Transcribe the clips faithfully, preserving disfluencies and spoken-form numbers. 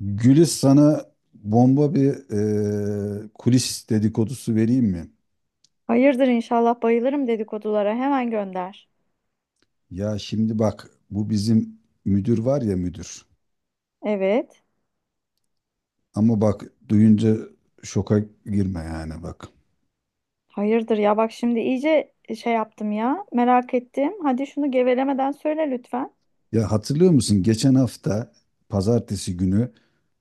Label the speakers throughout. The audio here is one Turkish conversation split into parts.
Speaker 1: Gülis sana bomba bir e, kulis dedikodusu vereyim mi?
Speaker 2: Hayırdır inşallah, bayılırım dedikodulara. Hemen gönder.
Speaker 1: Ya şimdi bak, bu bizim müdür var ya, müdür.
Speaker 2: Evet.
Speaker 1: Ama bak, duyunca şoka girme yani, bak.
Speaker 2: Hayırdır ya, bak şimdi iyice şey yaptım ya. Merak ettim. Hadi şunu gevelemeden söyle lütfen.
Speaker 1: Ya, hatırlıyor musun geçen hafta pazartesi günü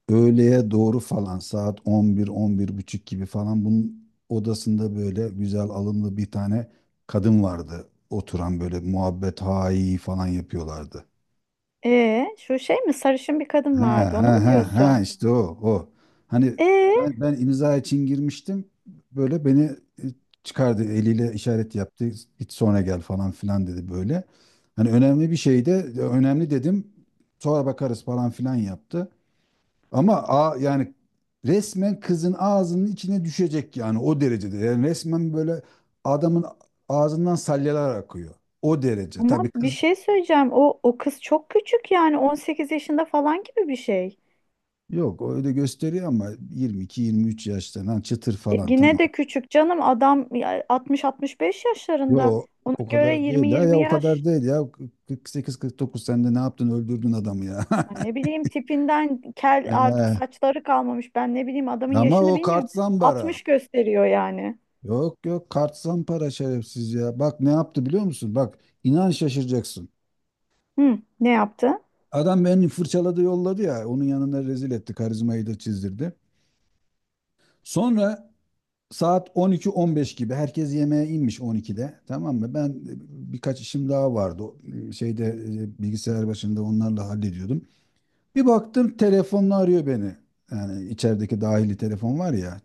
Speaker 1: öğleye doğru falan, saat on bir, on bir buçuk gibi falan bunun odasında böyle güzel, alımlı bir tane kadın vardı. Oturan böyle muhabbet hayi falan yapıyorlardı.
Speaker 2: Ee, şu şey mi, sarışın bir kadın
Speaker 1: Ha
Speaker 2: vardı, onu mu
Speaker 1: ha ha ha,
Speaker 2: diyorsun?
Speaker 1: işte o, o. Hani
Speaker 2: Ee,
Speaker 1: ben ben imza için girmiştim. Böyle beni e, çıkardı, eliyle işaret yaptı. Git, sonra gel falan filan dedi böyle. Hani önemli bir şey de, önemli dedim. Sonra bakarız falan filan yaptı. Ama a, yani resmen kızın ağzının içine düşecek yani, o derecede. Yani resmen böyle adamın ağzından salyalar akıyor. O derece.
Speaker 2: Ama
Speaker 1: Tabii
Speaker 2: bir
Speaker 1: kız.
Speaker 2: şey söyleyeceğim. O o kız çok küçük, yani on sekiz yaşında falan gibi bir şey.
Speaker 1: Yok, öyle gösteriyor ama yirmi iki yirmi üç yaşta lan, çıtır
Speaker 2: E,
Speaker 1: falan,
Speaker 2: yine
Speaker 1: tamam.
Speaker 2: de küçük canım, adam ya altmış altmış beş yaşlarında.
Speaker 1: Yo,
Speaker 2: Ona
Speaker 1: o
Speaker 2: göre
Speaker 1: kadar
Speaker 2: yirmi
Speaker 1: değil ya, ya
Speaker 2: yirmi
Speaker 1: o kadar
Speaker 2: yaş.
Speaker 1: değil ya, kırk sekiz kırk dokuz, sen de ne yaptın, öldürdün adamı ya.
Speaker 2: Ay, ne bileyim, tipinden kel, artık
Speaker 1: Ee,
Speaker 2: saçları kalmamış. Ben ne bileyim adamın
Speaker 1: ama
Speaker 2: yaşını,
Speaker 1: o kart
Speaker 2: bilmiyorum.
Speaker 1: zambara.
Speaker 2: altmış gösteriyor yani.
Speaker 1: Yok yok, kart zampara, şerefsiz ya. Bak ne yaptı biliyor musun? Bak, inan şaşıracaksın.
Speaker 2: Hı, ne yaptı?
Speaker 1: Adam beni fırçaladı, yolladı ya onun yanına, rezil etti, karizmayı da çizdirdi. Sonra saat on iki on beş gibi herkes yemeğe inmiş, on ikide, tamam mı? Ben birkaç işim daha vardı. O, şeyde e, Bilgisayar başında onlarla hallediyordum. Bir baktım, telefonla arıyor beni. Yani içerideki dahili telefon var ya,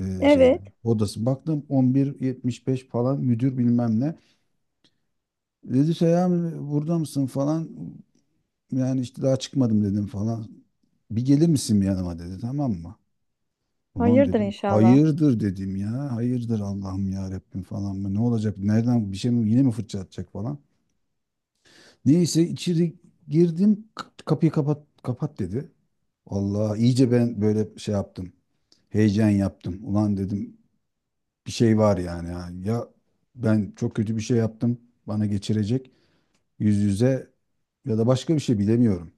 Speaker 1: e, şeyde
Speaker 2: Evet.
Speaker 1: odası. Baktım on bir yetmiş beş falan, müdür bilmem ne. Dedi, Seyhan burada mısın falan. Yani işte, daha çıkmadım dedim falan. Bir gelir misin yanıma dedi, tamam mı? Ulan
Speaker 2: Hayırdır
Speaker 1: dedim,
Speaker 2: inşallah.
Speaker 1: hayırdır dedim ya. Hayırdır Allah'ım ya Rabbim falan mı? Ne olacak? Nereden bir şey mi, yine mi fırça atacak falan. Neyse, içeri girdim, k- kapıyı kapat kapat dedi. Allah iyice ben böyle şey yaptım, heyecan yaptım. Ulan dedim, bir şey var yani. Ya Ya ben çok kötü bir şey yaptım. Bana geçirecek, yüz yüze, ya da başka bir şey, bilemiyorum.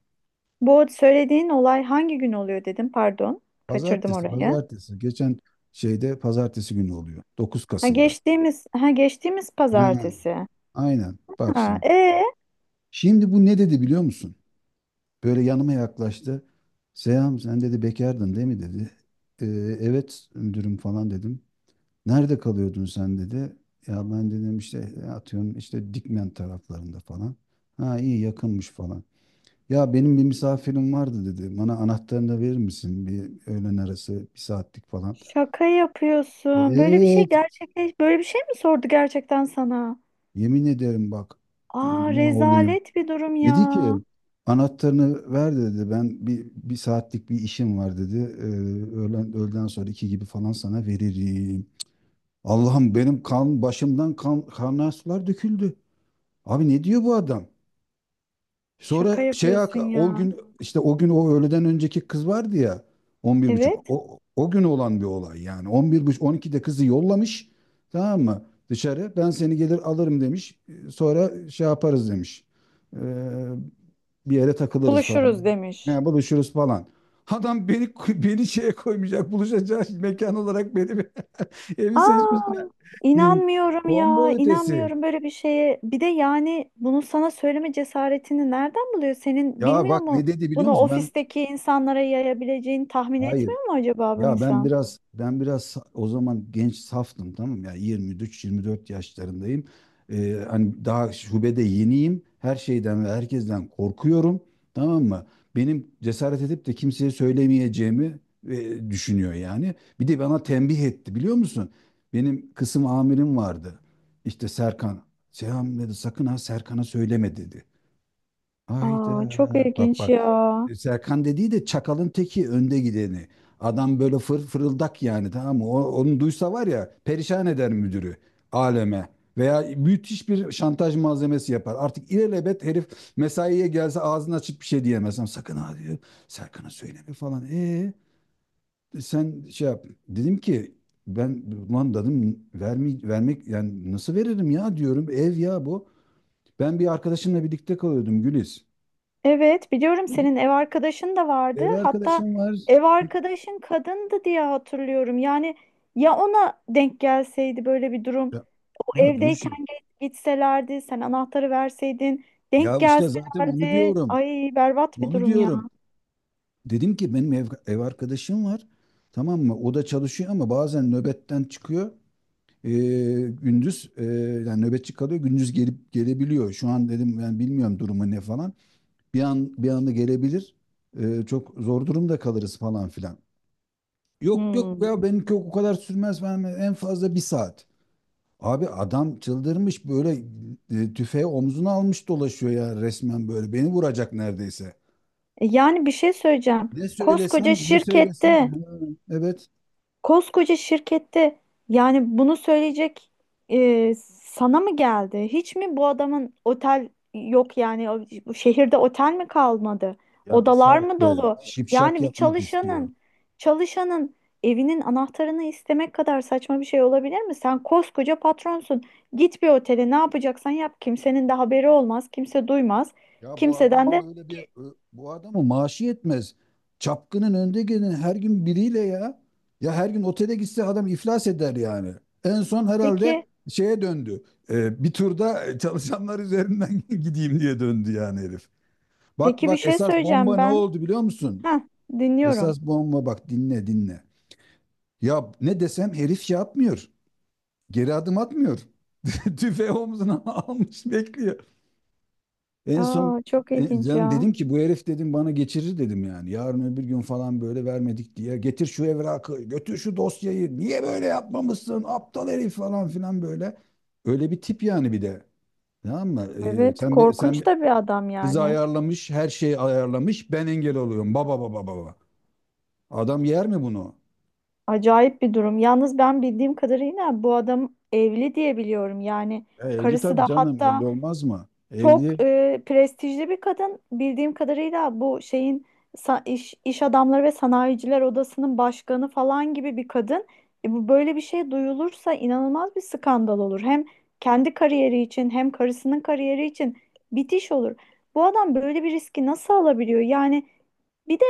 Speaker 2: Bu söylediğin olay hangi gün oluyor, dedim. Pardon. Kaçırdım
Speaker 1: Pazartesi,
Speaker 2: orayı.
Speaker 1: pazartesi. Geçen şeyde pazartesi günü oluyor. Dokuz
Speaker 2: Ha,
Speaker 1: Kasım'da.
Speaker 2: geçtiğimiz, ha geçtiğimiz
Speaker 1: Ha,
Speaker 2: pazartesi.
Speaker 1: aynen. Bak
Speaker 2: Ha,
Speaker 1: şimdi.
Speaker 2: e
Speaker 1: Şimdi bu ne dedi biliyor musun? Böyle yanıma yaklaştı. Seyhan, sen dedi, bekardın değil mi dedi. "Ee, evet müdürüm" falan dedim. Nerede kalıyordun sen dedi. Ya ben dedim işte, e, atıyorum işte, Dikmen taraflarında falan. Ha, iyi, yakınmış falan. Ya benim bir misafirim vardı dedi. Bana anahtarını da verir misin? Bir öğlen arası, bir saatlik falan.
Speaker 2: şaka yapıyorsun. Böyle bir şey
Speaker 1: Evet,
Speaker 2: gerçekleş böyle bir şey mi sordu gerçekten sana?
Speaker 1: yemin ederim bak,
Speaker 2: Aa,
Speaker 1: ne olayım.
Speaker 2: rezalet bir durum ya.
Speaker 1: Dedi ki, anahtarını ver dedi. Ben bir, bir saatlik bir işim var dedi. Ee, öğlen, öğleden sonra iki gibi falan sana veririm. Allah'ım, benim kan başımdan, kan kaynar sular döküldü. Abi, ne diyor bu adam?
Speaker 2: Şaka
Speaker 1: Sonra şey
Speaker 2: yapıyorsun
Speaker 1: O
Speaker 2: ya.
Speaker 1: gün, işte o gün, o öğleden önceki kız vardı ya, on bir buçuk.
Speaker 2: Evet.
Speaker 1: O, o gün olan bir olay yani. On bir buçuk, on ikide kızı yollamış, tamam mı, dışarı. Ben seni gelir alırım demiş. Sonra şey yaparız demiş. Ee, bir yere takılırız falan.
Speaker 2: Buluşuruz demiş.
Speaker 1: Yani buluşuruz falan. Adam beni beni şeye koymayacak, buluşacak mekan olarak beni bir- evi seçmiş
Speaker 2: Aa,
Speaker 1: ya. Yani
Speaker 2: inanmıyorum ya,
Speaker 1: bomba ötesi.
Speaker 2: inanmıyorum böyle bir şeye. Bir de yani bunu sana söyleme cesaretini nereden buluyor? Senin
Speaker 1: Ya
Speaker 2: bilmiyor
Speaker 1: bak
Speaker 2: mu?
Speaker 1: ne dedi biliyor
Speaker 2: Bunu
Speaker 1: musun? Ben
Speaker 2: ofisteki insanlara yayabileceğini tahmin
Speaker 1: hayır,
Speaker 2: etmiyor mu acaba bu
Speaker 1: ya ben
Speaker 2: insan?
Speaker 1: biraz ben biraz o zaman genç, saftım, tamam mı? Ya yirmi üç yirmi dört yaşlarındayım. Ee, hani daha şubede yeniyim. Her şeyden ve herkesten korkuyorum. Tamam mı? Benim cesaret edip de kimseye söylemeyeceğimi e, düşünüyor yani. Bir de bana tembih etti biliyor musun? Benim kısım amirim vardı. İşte Serkan. Seyhan dedi, sakın ha, Serkan'a söyleme dedi. Ayda
Speaker 2: Aa, çok
Speaker 1: bak
Speaker 2: ilginç
Speaker 1: bak.
Speaker 2: ya.
Speaker 1: E, Serkan dediği de çakalın teki, önde gideni. Adam böyle fır fırıldak yani, tamam mı? O- onu duysa var ya, perişan eder müdürü aleme. Veya müthiş bir şantaj malzemesi yapar. Artık ilelebet herif mesaiye gelse ağzını açıp bir şey diyemez. Ama sakın ha diyor, Serkan'a söyleme falan. E, sen şey yap. Dedim ki ben, ulan dedim, vermi, vermek yani nasıl veririm ya, diyorum. Ev ya bu. Ben bir arkadaşımla birlikte kalıyordum Güliz.
Speaker 2: Evet, biliyorum, senin ev arkadaşın da vardı.
Speaker 1: Ev
Speaker 2: Hatta
Speaker 1: arkadaşım var.
Speaker 2: ev arkadaşın kadındı diye hatırlıyorum. Yani ya ona denk gelseydi böyle bir durum.
Speaker 1: Ya, ya dur
Speaker 2: Evdeyken
Speaker 1: şimdi.
Speaker 2: ge- gitselerdi, sen anahtarı verseydin, denk
Speaker 1: Ya işte zaten onu
Speaker 2: gelselerdi.
Speaker 1: diyorum.
Speaker 2: Ay, berbat bir
Speaker 1: Onu
Speaker 2: durum ya.
Speaker 1: diyorum. Dedim ki, benim ev, ev arkadaşım var. Tamam mı? O da çalışıyor ama bazen nöbetten çıkıyor. Ee, gündüz, e, yani nöbetçi kalıyor. Gündüz gelip gelebiliyor. Şu an dedim ben bilmiyorum durumu ne falan. Bir an bir anda gelebilir. Ee, çok zor durumda kalırız falan filan. Yok yok
Speaker 2: Hmm.
Speaker 1: ya, benimki o kadar sürmez. Ben en fazla bir saat. Abi adam çıldırmış böyle, e, tüfeği omzuna almış dolaşıyor ya resmen böyle. Beni vuracak neredeyse.
Speaker 2: E, yani bir şey söyleyeceğim.
Speaker 1: Ne
Speaker 2: Koskoca
Speaker 1: söylesem ne söylesem
Speaker 2: şirkette
Speaker 1: ha, evet.
Speaker 2: Koskoca şirkette yani bunu söyleyecek e, sana mı geldi? Hiç mi bu adamın otel yok, yani o- bu şehirde otel mi kalmadı?
Speaker 1: Ya bir
Speaker 2: Odalar
Speaker 1: saat.
Speaker 2: mı
Speaker 1: saatte
Speaker 2: dolu?
Speaker 1: şipşak
Speaker 2: Yani bir
Speaker 1: yapmak istiyor.
Speaker 2: çalışanın çalışanın evinin anahtarını istemek kadar saçma bir şey olabilir mi? Sen koskoca patronsun. Git bir otele, ne yapacaksan yap. Kimsenin de haberi olmaz. Kimse duymaz.
Speaker 1: Ya bu adam
Speaker 2: Kimseden de
Speaker 1: ama öyle bir ö- bu adamı maaşı yetmez. Çapkının önde gelen, her gün biriyle ya. Ya her gün otele gitse adam iflas eder yani. En son herhalde
Speaker 2: peki,
Speaker 1: şeye döndü. E, bir turda e, çalışanlar üzerinden gideyim diye döndü yani herif. Bak
Speaker 2: peki bir
Speaker 1: bak,
Speaker 2: şey
Speaker 1: esas bomba
Speaker 2: söyleyeceğim
Speaker 1: ne
Speaker 2: ben.
Speaker 1: oldu biliyor musun?
Speaker 2: Heh, dinliyorum.
Speaker 1: Esas bomba, bak dinle dinle. Ya ne desem herif şey atmıyor. Geri adım atmıyor. Tüfeği omzuna almış bekliyor. En son
Speaker 2: Aa, çok
Speaker 1: e,
Speaker 2: ilginç
Speaker 1: ben
Speaker 2: ya.
Speaker 1: dedim ki, bu herif dedim bana geçirir dedim yani. Yarın öbür gün falan, böyle vermedik diye, getir şu evrakı, götür şu dosyayı, niye böyle yapmamışsın aptal herif falan filan böyle. Öyle bir tip yani bir de. Tamam mı? E,
Speaker 2: Evet,
Speaker 1: sen be- sen
Speaker 2: korkunç
Speaker 1: be-
Speaker 2: da bir adam
Speaker 1: kızı
Speaker 2: yani.
Speaker 1: ayarlamış, her şeyi ayarlamış. Ben engel oluyorum. Baba baba baba. Adam yer mi bunu?
Speaker 2: Acayip bir durum. Yalnız ben bildiğim kadarıyla bu adam evli diye biliyorum. Yani
Speaker 1: E, evli
Speaker 2: karısı
Speaker 1: tabii
Speaker 2: da
Speaker 1: canım,
Speaker 2: hatta
Speaker 1: evli olmaz mı? Evli.
Speaker 2: çok e, prestijli bir kadın. Bildiğim kadarıyla bu şeyin sa- iş, iş adamları ve sanayiciler odasının başkanı falan gibi bir kadın. E, bu, böyle bir şey duyulursa inanılmaz bir skandal olur. Hem kendi kariyeri için hem karısının kariyeri için bitiş olur. Bu adam böyle bir riski nasıl alabiliyor? Yani bir de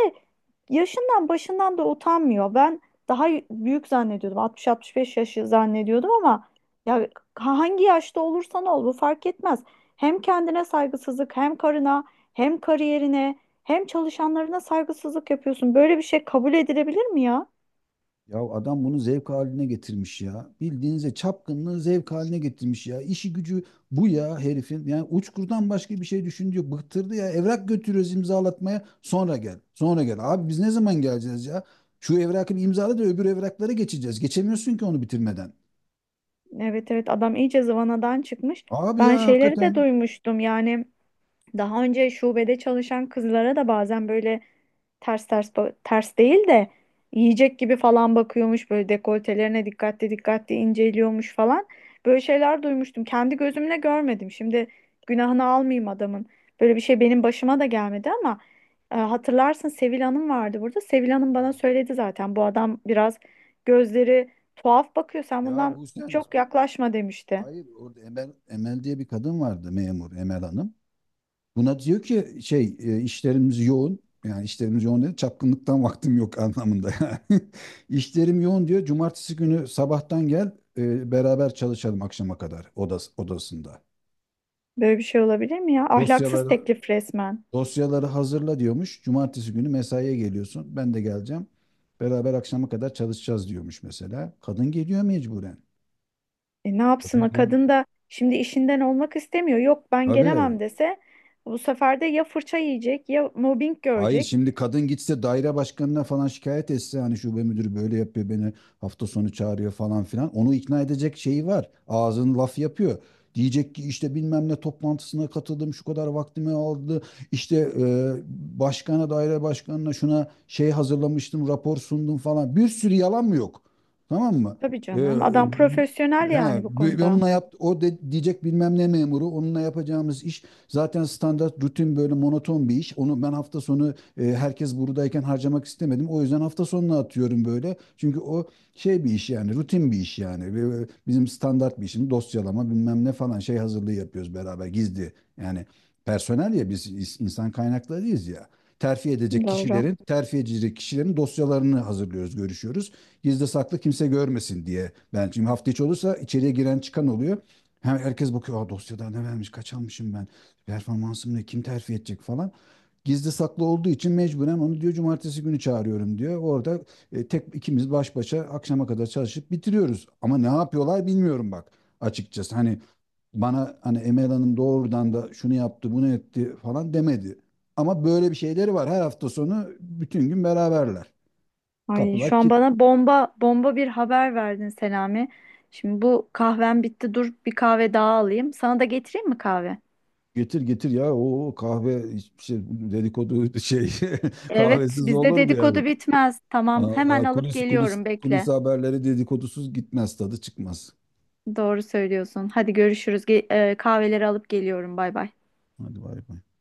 Speaker 2: yaşından başından da utanmıyor. Ben daha büyük zannediyordum. altmış altmış beş yaşı zannediyordum ama ya hangi yaşta olursan ol bu fark etmez. Hem kendine saygısızlık, hem karına, hem kariyerine, hem çalışanlarına saygısızlık yapıyorsun. Böyle bir şey kabul edilebilir mi ya?
Speaker 1: Ya, adam bunu zevk haline getirmiş ya. Bildiğinize çapkınlığı zevk haline getirmiş ya. İşi gücü bu ya herifin. Yani uçkurdan başka bir şey düşündü yok. Bıktırdı ya. Evrak götürüyoruz imzalatmaya. Sonra gel. Sonra gel. Abi biz ne zaman geleceğiz ya? Şu evrakı bir imzala da öbür evraklara geçeceğiz. Geçemiyorsun ki onu bitirmeden.
Speaker 2: Evet evet, adam iyice zıvanadan çıkmış.
Speaker 1: Abi ya,
Speaker 2: Ben şeyleri
Speaker 1: hakikaten.
Speaker 2: de duymuştum yani, daha önce şubede çalışan kızlara da bazen böyle ters ters ba- ters değil de yiyecek gibi falan bakıyormuş, böyle dekoltelerine dikkatli dikkatli inceliyormuş falan. Böyle şeyler duymuştum. Kendi gözümle görmedim. Şimdi günahını almayayım adamın. Böyle bir şey benim başıma da gelmedi ama e, hatırlarsın, Sevil Hanım vardı burada. Sevil Hanım bana söyledi zaten, bu adam biraz gözleri tuhaf bakıyor, sen
Speaker 1: Ya
Speaker 2: bundan
Speaker 1: bu sen
Speaker 2: çok yaklaşma demişti.
Speaker 1: Hayır, orada Emel, Emel diye bir kadın vardı, memur, Emel Hanım. Buna diyor ki, şey e, işlerimiz yoğun. Yani işlerimiz yoğun dedi. Çapkınlıktan vaktim yok anlamında yani. İşlerim yoğun diyor. Cumartesi günü sabahtan gel, e, beraber çalışalım akşama kadar, odas odasında.
Speaker 2: Böyle bir şey olabilir mi ya? Ahlaksız
Speaker 1: Dosyaları
Speaker 2: teklif resmen.
Speaker 1: Dosyaları hazırla diyormuş. Cumartesi günü mesaiye geliyorsun. Ben de geleceğim. Beraber akşama kadar çalışacağız diyormuş mesela. Kadın geliyor mecburen.
Speaker 2: E, ne yapsın
Speaker 1: Kadın
Speaker 2: o
Speaker 1: gel.
Speaker 2: kadın da, şimdi işinden olmak istemiyor. Yok ben
Speaker 1: Tabii.
Speaker 2: gelemem dese bu sefer de ya fırça yiyecek ya mobbing
Speaker 1: Hayır,
Speaker 2: görecek.
Speaker 1: şimdi kadın gitse, daire başkanına falan şikayet etse, hani şube müdürü böyle yapıyor, beni hafta sonu çağırıyor falan filan, onu ikna edecek şeyi var. Ağzın laf yapıyor. Diyecek ki, işte bilmem ne toplantısına katıldım, şu kadar vaktimi aldı. İşte e, başkana, daire başkanına şuna şey hazırlamıştım, rapor sundum falan. Bir sürü yalan mı yok? Tamam mı?
Speaker 2: Tabii
Speaker 1: E,
Speaker 2: canım, adam profesyonel
Speaker 1: he,
Speaker 2: yani bu
Speaker 1: bi-
Speaker 2: konuda.
Speaker 1: Onunla yap, o de, diyecek bilmem ne memuru, onunla yapacağımız iş zaten standart, rutin, böyle monoton bir iş. Onu ben hafta sonu, e, herkes buradayken harcamak istemedim. O yüzden hafta sonuna atıyorum böyle. Çünkü o şey bir iş yani, rutin bir iş yani. Ve- e, Bizim standart bir işimiz, dosyalama bilmem ne falan, şey hazırlığı yapıyoruz beraber, gizli. Yani personel ya, biz is- insan kaynaklarıyız ya. Terfi edecek
Speaker 2: Doğru.
Speaker 1: kişilerin, terfi edecek kişilerin dosyalarını hazırlıyoruz, görüşüyoruz. Gizli saklı, kimse görmesin diye. Ben şimdi hafta içi olursa içeriye giren çıkan oluyor. Hem herkes bakıyor, aa, dosyada ne vermiş, kaç almışım ben performansımla, kim terfi edecek falan. Gizli saklı olduğu için mecburen onu diyor, cumartesi günü çağırıyorum diyor. Orada e, tek ikimiz baş başa akşama kadar çalışıp bitiriyoruz. Ama ne yapıyorlar bilmiyorum bak, açıkçası. Hani bana hani Emel Hanım doğrudan da şunu yaptı bunu etti falan demedi. Ama böyle bir şeyleri var. Her hafta sonu bütün gün beraberler.
Speaker 2: Ay,
Speaker 1: Kapılar
Speaker 2: şu an
Speaker 1: git,
Speaker 2: bana bomba bomba bir haber verdin Selami. Şimdi bu kahvem bitti, dur bir kahve daha alayım. Sana da getireyim mi kahve?
Speaker 1: getir getir ya, o kahve hiçbir şey, dedikodu şey
Speaker 2: Evet,
Speaker 1: kahvesiz
Speaker 2: bizde
Speaker 1: olur mu yani?
Speaker 2: dedikodu bitmez. Tamam, hemen
Speaker 1: Allah,
Speaker 2: alıp
Speaker 1: kulis, kulis,
Speaker 2: geliyorum,
Speaker 1: kulis
Speaker 2: bekle.
Speaker 1: haberleri dedikodusuz gitmez, tadı çıkmaz.
Speaker 2: Doğru söylüyorsun. Hadi görüşürüz. Ge- e, kahveleri alıp geliyorum. Bay bay.
Speaker 1: Hadi bay bay.